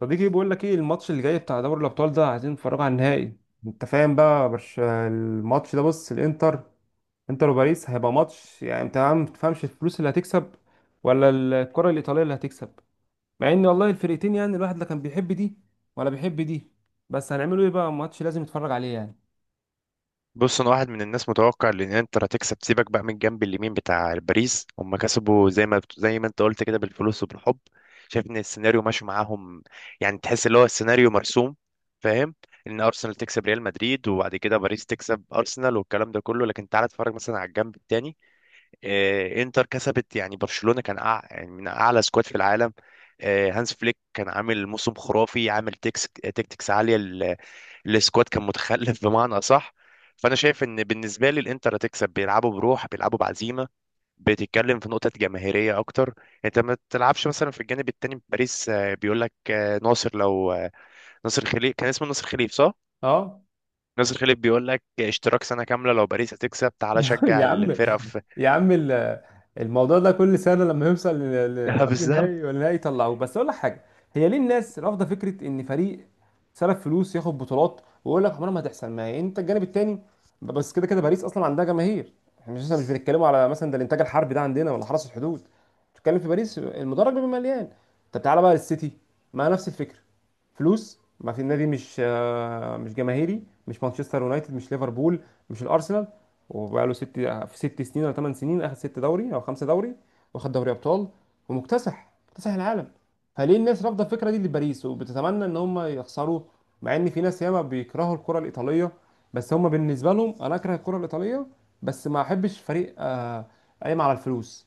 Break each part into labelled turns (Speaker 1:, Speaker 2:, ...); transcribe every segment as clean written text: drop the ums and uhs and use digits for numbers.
Speaker 1: صديقي بيقول لك ايه الماتش اللي جاي بتاع دوري الابطال ده، عايزين نتفرج على النهائي. انت فاهم بقى؟ برش الماتش ده. بص، الانتر، انتر وباريس هيبقى ماتش. يعني انت ما تفهمش الفلوس اللي هتكسب ولا الكرة الايطالية اللي هتكسب؟ مع ان والله الفرقتين، يعني الواحد لا كان بيحب دي ولا بيحب دي، بس هنعمله ايه؟ بقى ماتش لازم يتفرج عليه يعني.
Speaker 2: بص، انا واحد من الناس متوقع ان انتر هتكسب. سيبك بقى من الجنب اليمين بتاع باريس، هم كسبوا زي ما زي ما انت قلت كده بالفلوس وبالحب. شايف ان السيناريو ماشي معاهم، يعني تحس اللي هو السيناريو مرسوم. فاهم؟ ان ارسنال تكسب ريال مدريد، وبعد كده باريس تكسب ارسنال والكلام ده كله. لكن تعالى اتفرج مثلا على الجنب التاني. انتر كسبت، يعني برشلونة كان يعني من اعلى سكواد في العالم. هانس فليك كان عامل موسم خرافي، عامل تكتكس عالية السكواد، كان متخلف بمعنى اصح. فانا شايف ان بالنسبة لي الانتر هتكسب، بيلعبوا بروح، بيلعبوا بعزيمة. بتتكلم في نقطة جماهيرية اكتر. انت ما تلعبش مثلا في الجانب التاني في باريس، بيقول لك ناصر، لو ناصر خليف، كان اسمه ناصر خليف صح؟
Speaker 1: اه.
Speaker 2: ناصر خليف بيقول لك اشتراك سنة كاملة لو باريس هتكسب، تعالى
Speaker 1: يا يا
Speaker 2: شجع
Speaker 1: عم
Speaker 2: الفرقة في...
Speaker 1: يا عم ال- الموضوع ده كل سنه لما يوصل قبل نهائي
Speaker 2: بالظبط.
Speaker 1: ولا نهائي يطلعوه. بس اقول لك حاجه، هي ليه الناس رافضه فكره ان فريق صرف فلوس ياخد بطولات، ويقول لك عمرها ما هتحصل؟ ما هي انت الجانب التاني، بس كده كده باريس اصلا عندها جماهير. احنا مش بنتكلموا على مثلا ده الانتاج الحربي ده عندنا ولا حرس الحدود، بتتكلم في باريس، المدرج بيبقى مليان. طب تعالى بقى للسيتي، ما نفس الفكره، فلوس. ما في النادي مش مش جماهيري، مش مانشستر يونايتد، مش ليفربول، مش الارسنال. وبقاله ست في ست سنين ولا ثمان سنين اخد ست دوري او خمسه دوري، واخد دوري ابطال، ومكتسح مكتسح العالم. فليه الناس رافضه الفكره دي لباريس وبتتمنى ان هم يخسروه؟ مع ان في ناس ياما بيكرهوا الكره الايطاليه، بس هم بالنسبه لهم، انا اكره الكره الايطاليه بس ما احبش فريق قايم على الفلوس.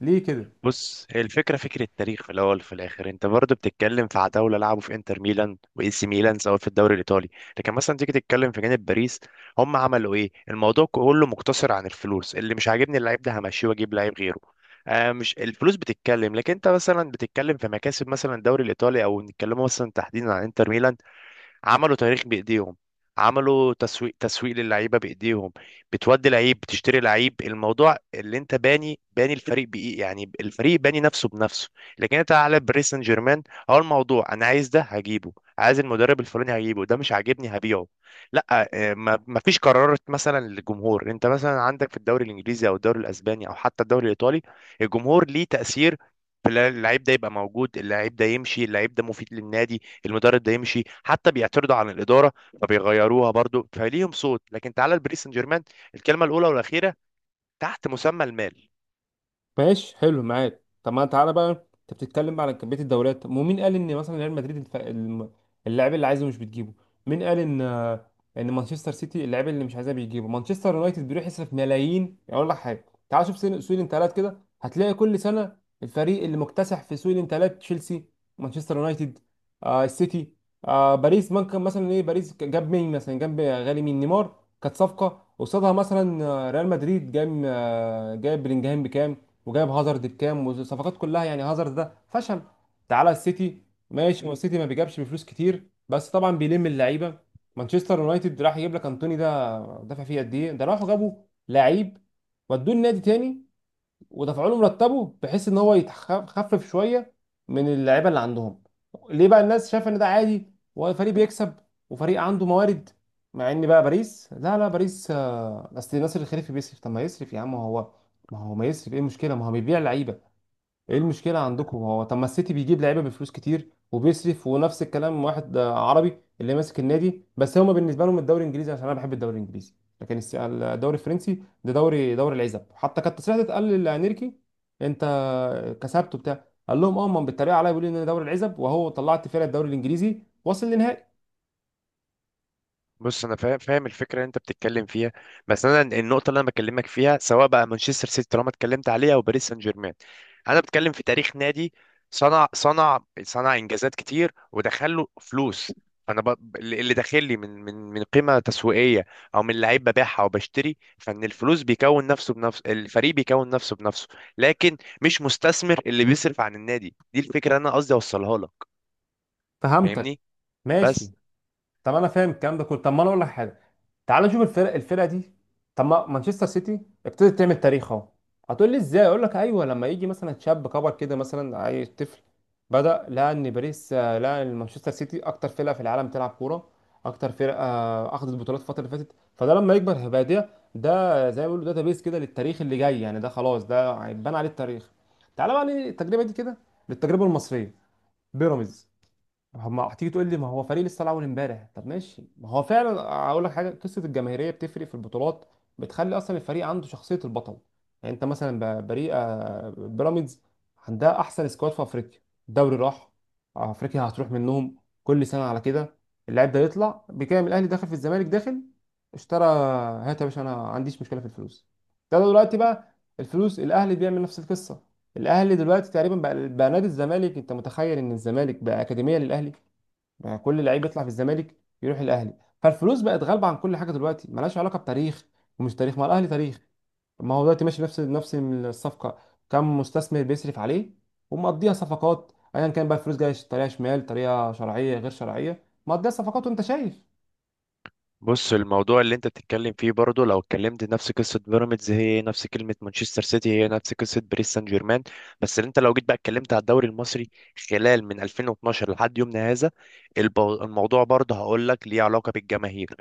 Speaker 1: ليه كده؟
Speaker 2: بص، هي الفكرة فكرة تاريخ في الأول وفي الآخر. أنت برضه بتتكلم في عتاولة لعبوا في إنتر ميلان وإي سي ميلان، سواء في الدوري الإيطالي. لكن مثلا تيجي تتكلم في جانب باريس، هم عملوا إيه؟ الموضوع كله مقتصر عن الفلوس. اللي مش عاجبني اللعيب ده همشيه وأجيب لعيب غيره. آه، مش الفلوس بتتكلم، لكن أنت مثلا بتتكلم في مكاسب، مثلا الدوري الإيطالي، أو نتكلموا مثلا تحديدا عن إنتر ميلان. عملوا تاريخ بايديهم، عملوا تسويق للعيبه بايديهم. بتودي لعيب، بتشتري لعيب. الموضوع اللي انت باني الفريق بايه، يعني الفريق باني نفسه بنفسه. لكن انت على باريس سان جيرمان، هو الموضوع: انا عايز ده هجيبه، عايز المدرب الفلاني هجيبه، ده مش عاجبني هبيعه. لا ما فيش قرارات مثلا للجمهور. انت مثلا عندك في الدوري الانجليزي او الدوري الاسباني او حتى الدوري الايطالي، الجمهور ليه تاثير، في اللعيب ده يبقى موجود، اللعيب ده يمشي، اللعيب ده مفيد للنادي، المدرب ده يمشي. حتى بيعترضوا عن الاداره فبيغيروها، برضو فليهم صوت. لكن تعالى لباريس سان جيرمان، الكلمه الاولى والاخيره تحت مسمى المال.
Speaker 1: ماشي، حلو معاك. طب ما تعالى بقى، انت بتتكلم على كميه الدوريات. طب ومين قال ان مثلا ريال مدريد اللاعب اللي عايزه مش بتجيبه؟ مين قال ان ان مانشستر سيتي اللاعب اللي مش عايزاه بيجيبه؟ مانشستر يونايتد بيروح يصرف ملايين. اقول لك حاجه، تعال شوف سوق الانتقالات كده، هتلاقي كل سنه الفريق اللي مكتسح في سوق الانتقالات تشيلسي، مانشستر يونايتد، آه السيتي. آه باريس ممكن مثلا ايه؟ باريس جاب مين مثلا؟ جاب غالي مين؟ نيمار. كانت صفقه قصادها مثلا ريال مدريد جاب، جاب بلينجهام بكام، وجايب هازارد بكام. والصفقات كلها يعني هازارد ده فشل. تعالى السيتي، ماشي هو السيتي ما بيجابش بفلوس كتير بس طبعا بيلم اللعيبه. مانشستر يونايتد راح يجيب لك انتوني، ده دفع فيه قد ايه؟ ده راحوا جابوا لعيب ودوه النادي تاني، ودفعوا له مرتبه بحيث ان هو يخفف شويه من اللعيبه اللي عندهم. ليه بقى الناس شايفه ان ده عادي وفريق بيكسب وفريق عنده موارد؟ مع ان بقى باريس، لا لا باريس، اصل ناصر الخليفي بيصرف. طب ما يصرف يا عم، هو ما هو ما يصرف ايه المشكله؟ ما هو بيبيع لعيبه. ايه المشكله عندكم هو؟ طب ما السيتي بيجيب لعيبه بفلوس كتير وبيصرف ونفس الكلام. واحد عربي اللي ماسك النادي. بس هما بالنسبه لهم الدوري الانجليزي، عشان انا بحب الدوري الانجليزي، لكن الدوري الفرنسي ده دوري، دوري العزب. حتى كانت تصريحات اتقال لانيركي انت كسبته بتاع، قال لهم اه ما بيتريق عليا بيقول لي ان ده دوري العزب، وهو طلعت فرقه الدوري الانجليزي وصل للنهائي.
Speaker 2: بص، انا فاهم الفكره اللي انت بتتكلم فيها. بس انا النقطه اللي انا بكلمك فيها، سواء بقى مانشستر سيتي طالما اتكلمت عليها او باريس سان جيرمان، انا بتكلم في تاريخ نادي صنع انجازات كتير ودخل له فلوس. فانا اللي داخل لي من قيمه تسويقيه او من لعيب ببيعها او بشتري، فان الفلوس بيكون نفسه بنفسه، الفريق بيكون نفسه بنفسه. لكن مش مستثمر اللي بيصرف عن النادي. دي الفكره اللي انا قصدي اوصلها لك.
Speaker 1: فهمتك.
Speaker 2: فاهمني؟
Speaker 1: ماشي.
Speaker 2: بس.
Speaker 1: طب انا فاهم الكلام ده كله. طب ما انا اقول لك حاجه، تعال نشوف الفرق، الفرقه دي، طب ما مانشستر سيتي ابتدت تعمل تاريخ اهو. هتقول لي ازاي؟ اقول لك ايوه، لما يجي مثلا شاب كبر كده مثلا عايز طفل، بدا لقى ان باريس، لقى ان مانشستر سيتي اكتر فرقه في العالم بتلعب كوره، اكتر فرقه اخذت بطولات الفتره اللي فاتت، فده لما يكبر هيبقى ده ده زي ما بيقولوا داتا بيس كده للتاريخ اللي جاي. يعني ده خلاص ده هيتبنى عليه التاريخ. تعالى بقى للتجربه دي كده، للتجربه المصريه، بيراميدز. هما هتيجي تقول لي ما هو فريق لسه الاول امبارح، طب ماشي ما هو فعلا. اقول لك حاجه، قصه الجماهيريه بتفرق في البطولات، بتخلي اصلا الفريق عنده شخصيه البطل. يعني انت مثلا فريق بيراميدز عندها احسن سكواد في افريقيا، الدوري راح، افريقيا هتروح منهم، كل سنه على كده. اللاعب ده يطلع بكام؟ الاهلي داخل، في الزمالك داخل، اشترى. هات يا باشا، انا ما عنديش مشكله في الفلوس. ده دلوقتي بقى الفلوس، الاهلي بيعمل نفس القصه. الاهلي دلوقتي تقريبا بقى نادي الزمالك، انت متخيل ان الزمالك بقى اكاديميه للاهلي؟ بقى كل لعيب يطلع في الزمالك يروح الاهلي. فالفلوس بقت غالبه عن كل حاجه دلوقتي، ملهاش علاقه بتاريخ. ومش تاريخ، ما الاهلي تاريخ، ما هو دلوقتي ماشي نفس الصفقه، كم مستثمر بيصرف عليه ومقضيها صفقات، ايا كان بقى الفلوس جايه طريقه شمال، طريقه شرعيه، غير شرعيه، مقضيها صفقات. وانت شايف.
Speaker 2: بص، الموضوع اللي انت بتتكلم فيه برضه، لو اتكلمت نفس قصه بيراميدز، هي نفس كلمه مانشستر سيتي، هي نفس قصه باريس سان جيرمان. بس اللي انت لو جيت بقى اتكلمت على الدوري المصري خلال من 2012 لحد يومنا هذا، الموضوع برضه هقول لك ليه علاقه بالجماهير.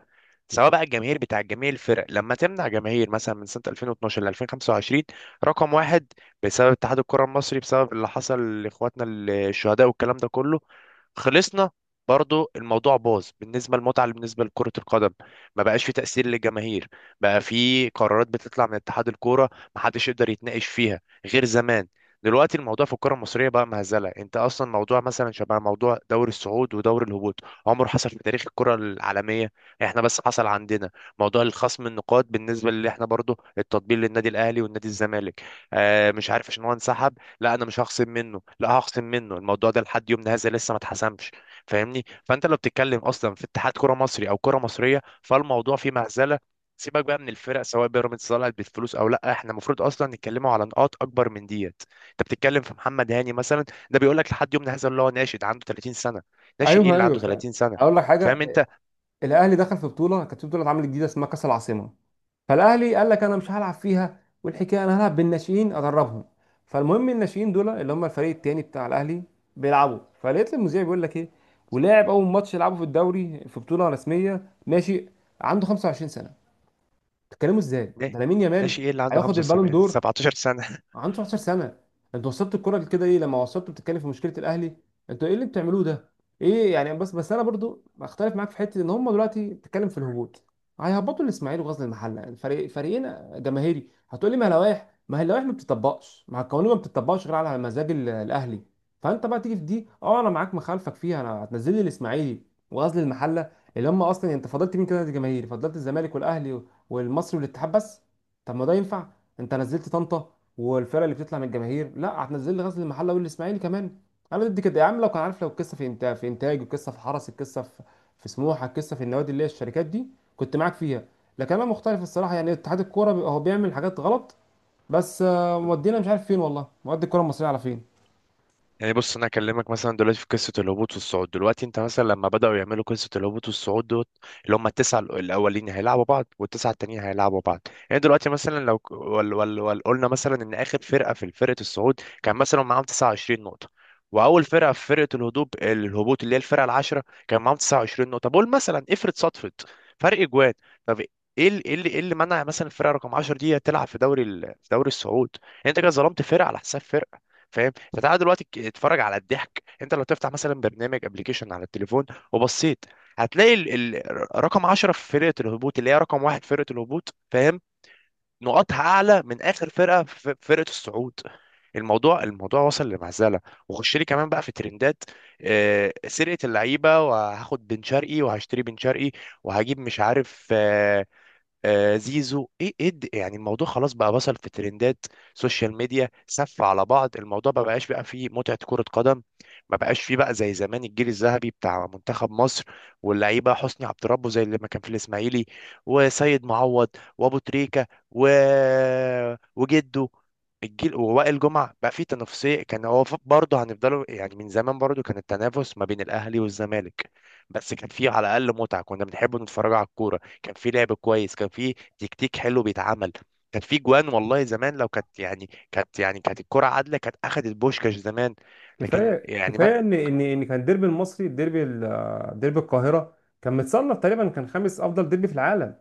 Speaker 2: سواء بقى الجماهير بتاع جميع الفرق، لما تمنع جماهير مثلا من سنه 2012 ل 2025، رقم واحد، بسبب اتحاد الكره المصري، بسبب اللي حصل لاخواتنا الشهداء والكلام ده كله، خلصنا. برضو الموضوع باظ بالنسبة للمتعة، بالنسبة لكرة القدم. ما بقاش في تأثير للجماهير، بقى في قرارات بتطلع من اتحاد الكورة ما حدش يقدر يتناقش فيها غير زمان. دلوقتي الموضوع في الكرة المصرية بقى مهزلة. انت اصلا موضوع مثلا شبه موضوع دوري الصعود ودوري الهبوط، عمره حصل في تاريخ الكرة العالمية، احنا بس حصل عندنا. موضوع الخصم النقاط بالنسبة اللي احنا برضو التطبيل للنادي الاهلي والنادي الزمالك. آه، مش عارف عشان هو انسحب، لا انا مش هخصم منه، لا هخصم منه. الموضوع ده لحد يومنا هذا لسه ما اتحسمش. فاهمني؟ فانت لو بتتكلم اصلا في اتحاد كرة مصري او كرة مصرية، فالموضوع فيه مهزله. سيبك بقى من الفرق، سواء بيراميدز طلعت بالفلوس او لا، احنا المفروض اصلا نتكلموا على نقاط اكبر من ديت. انت بتتكلم في محمد هاني مثلا؟ ده بيقول لك لحد يومنا هذا اللي هو ناشئ، ده عنده 30 سنه. ناشئ ايه
Speaker 1: ايوه
Speaker 2: اللي
Speaker 1: ايوه
Speaker 2: عنده
Speaker 1: فعلا.
Speaker 2: 30 سنه؟
Speaker 1: اقول لك حاجه،
Speaker 2: فاهم انت؟
Speaker 1: الاهلي دخل في بطوله، كانت في بطوله اتعملت جديده اسمها كاس العاصمه. فالاهلي قال لك انا مش هلعب فيها، والحكايه انا هلعب بالناشئين ادربهم. فالمهم الناشئين دول اللي هم الفريق التاني بتاع الاهلي بيلعبوا. فلقيت المذيع بيقول لك ايه؟ ولاعب اول ماتش يلعبه في الدوري في بطوله رسميه ناشئ عنده 25 سنه. بتتكلموا ازاي؟
Speaker 2: نا-
Speaker 1: ده لامين يامال
Speaker 2: ناشئ ايه اللي عنده
Speaker 1: هياخد البالون
Speaker 2: 75
Speaker 1: دور،
Speaker 2: 17 سنه؟
Speaker 1: عنده 19 سنه. انتوا وصلتوا الكره لكده؟ ايه لما وصلتوا بتتكلم في مشكله الاهلي، انتوا ايه اللي بتعملوه ده؟ ايه يعني؟ بس انا برضو بختلف معاك في حته، ان هم دلوقتي بتتكلم في الهبوط، هيهبطوا الاسماعيلي وغزل المحله، يعني فريق فريقين جماهيري. هتقول لي ما لوائح، ما هي اللوائح ما بتطبقش، ما هي القوانين ما بتطبقش غير على مزاج الاهلي. فانت بقى تيجي في دي اه انا معاك، مخالفك فيها، انا هتنزل لي الاسماعيلي وغزل المحله اللي هم اصلا. انت فضلت مين كده جماهيري؟ فضلت الزمالك والاهلي والمصري والاتحاد بس. طب ما ده ينفع؟ انت نزلت طنطا والفرق اللي بتطلع من الجماهير، لا هتنزل لي غزل المحله والاسماعيلي كمان. انا ضد كده يا عم. لو كان عارف، لو القصه في انتاج، في انتاج، القصه في حرس، القصه في في سموحه، القصه في النوادي اللي هي الشركات دي، كنت معاك فيها. لكن انا مختلف الصراحه، يعني اتحاد الكوره بيبقى هو بيعمل حاجات غلط. بس مودينا مش عارف فين، والله مودي الكوره المصريه على فين.
Speaker 2: يعني بص، انا اكلمك مثلا دلوقتي في قصه الهبوط والصعود. دلوقتي انت مثلا لما بداوا يعملوا قصه الهبوط والصعود دوت، اللي هم التسعه الاولين هيلعبوا بعض والتسعه التانيين هيلعبوا بعض. يعني دلوقتي مثلا لو وال وال وال قلنا مثلا ان اخر فرقه في فرقه الصعود كان مثلا معاهم 29 نقطه، واول فرقه في فرقه الهبوط، الهبوط اللي هي الفرقه العاشره، كان معاهم 29 نقطه. بقول مثلا، افرض صدفت فرق جوان. طب ايه ايه اللي ايه اللي منع مثلا الفرقه رقم 10 دي تلعب في دوري في دوري الصعود؟ يعني انت كده ظلمت فرقه على حساب فرقه. فاهم انت؟ تعالى دلوقتي اتفرج على الضحك. انت لو تفتح مثلا برنامج ابلكيشن على التليفون وبصيت، هتلاقي رقم 10 في فرقه الهبوط، اللي هي رقم واحد فرقه الهبوط، فاهم؟ نقاطها اعلى من اخر فرقه في فرقه الصعود. الموضوع وصل لمعزله. وخش لي كمان بقى في ترندات، سرقه اللعيبه، وهاخد بن شرقي وهشتري بن شرقي، وهجيب مش عارف، زيزو، ايه ايه يعني الموضوع خلاص بقى وصل في ترندات، سوشيال ميديا، سف على بعض. الموضوع ما بقاش بقى فيه متعة كرة قدم. ما بقاش فيه بقى زي زمان الجيل الذهبي بتاع منتخب مصر واللعيبة، حسني عبد ربه زي اللي ما كان في الاسماعيلي، وسيد معوض، وابو تريكة، و... وجده، الجيل، ووائل جمعة. بقى فيه تنافسية، كان هو برضه هنفضلوا يعني. من زمان برضه كان التنافس ما بين الاهلي والزمالك، بس كان فيه على الاقل متعة. كنا بنحب نتفرج على الكورة، كان في لعب كويس، كان في تكتيك حلو بيتعمل. كان في جوان والله زمان. لو كانت الكرة عادلة، كانت أخدت بوشكاش زمان. لكن
Speaker 1: كفايه
Speaker 2: يعني
Speaker 1: كفايه
Speaker 2: ما...
Speaker 1: ان كان الديربي المصري، الديربي ديربي القاهره كان متصنف تقريبا، كان خامس افضل ديربي في العالم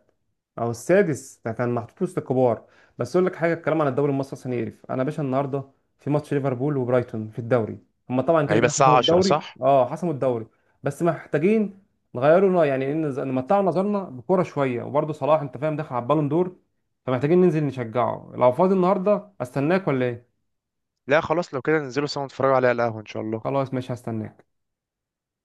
Speaker 1: او السادس، ده كان محطوط وسط الكبار. بس اقول لك حاجه، الكلام عن الدوري المصري عشان يقرف. انا يا باشا النهارده في ماتش ليفربول وبرايتون في الدوري، هما طبعا كده
Speaker 2: هيبقى
Speaker 1: كده حسموا
Speaker 2: الساعة 10
Speaker 1: الدوري
Speaker 2: صح؟
Speaker 1: اه حسموا الدوري، بس محتاجين نغيروا يعني نمتعوا نظرنا بكوره شويه، وبرده صلاح انت فاهم داخل على البالون دور، فمحتاجين ننزل نشجعه. لو فاضي النهارده استناك، ولا ايه؟
Speaker 2: لا خلاص، لو كده ننزلوا سوا نتفرجوا عليها على القهوة إن شاء الله.
Speaker 1: خلاص ماشي هستناك.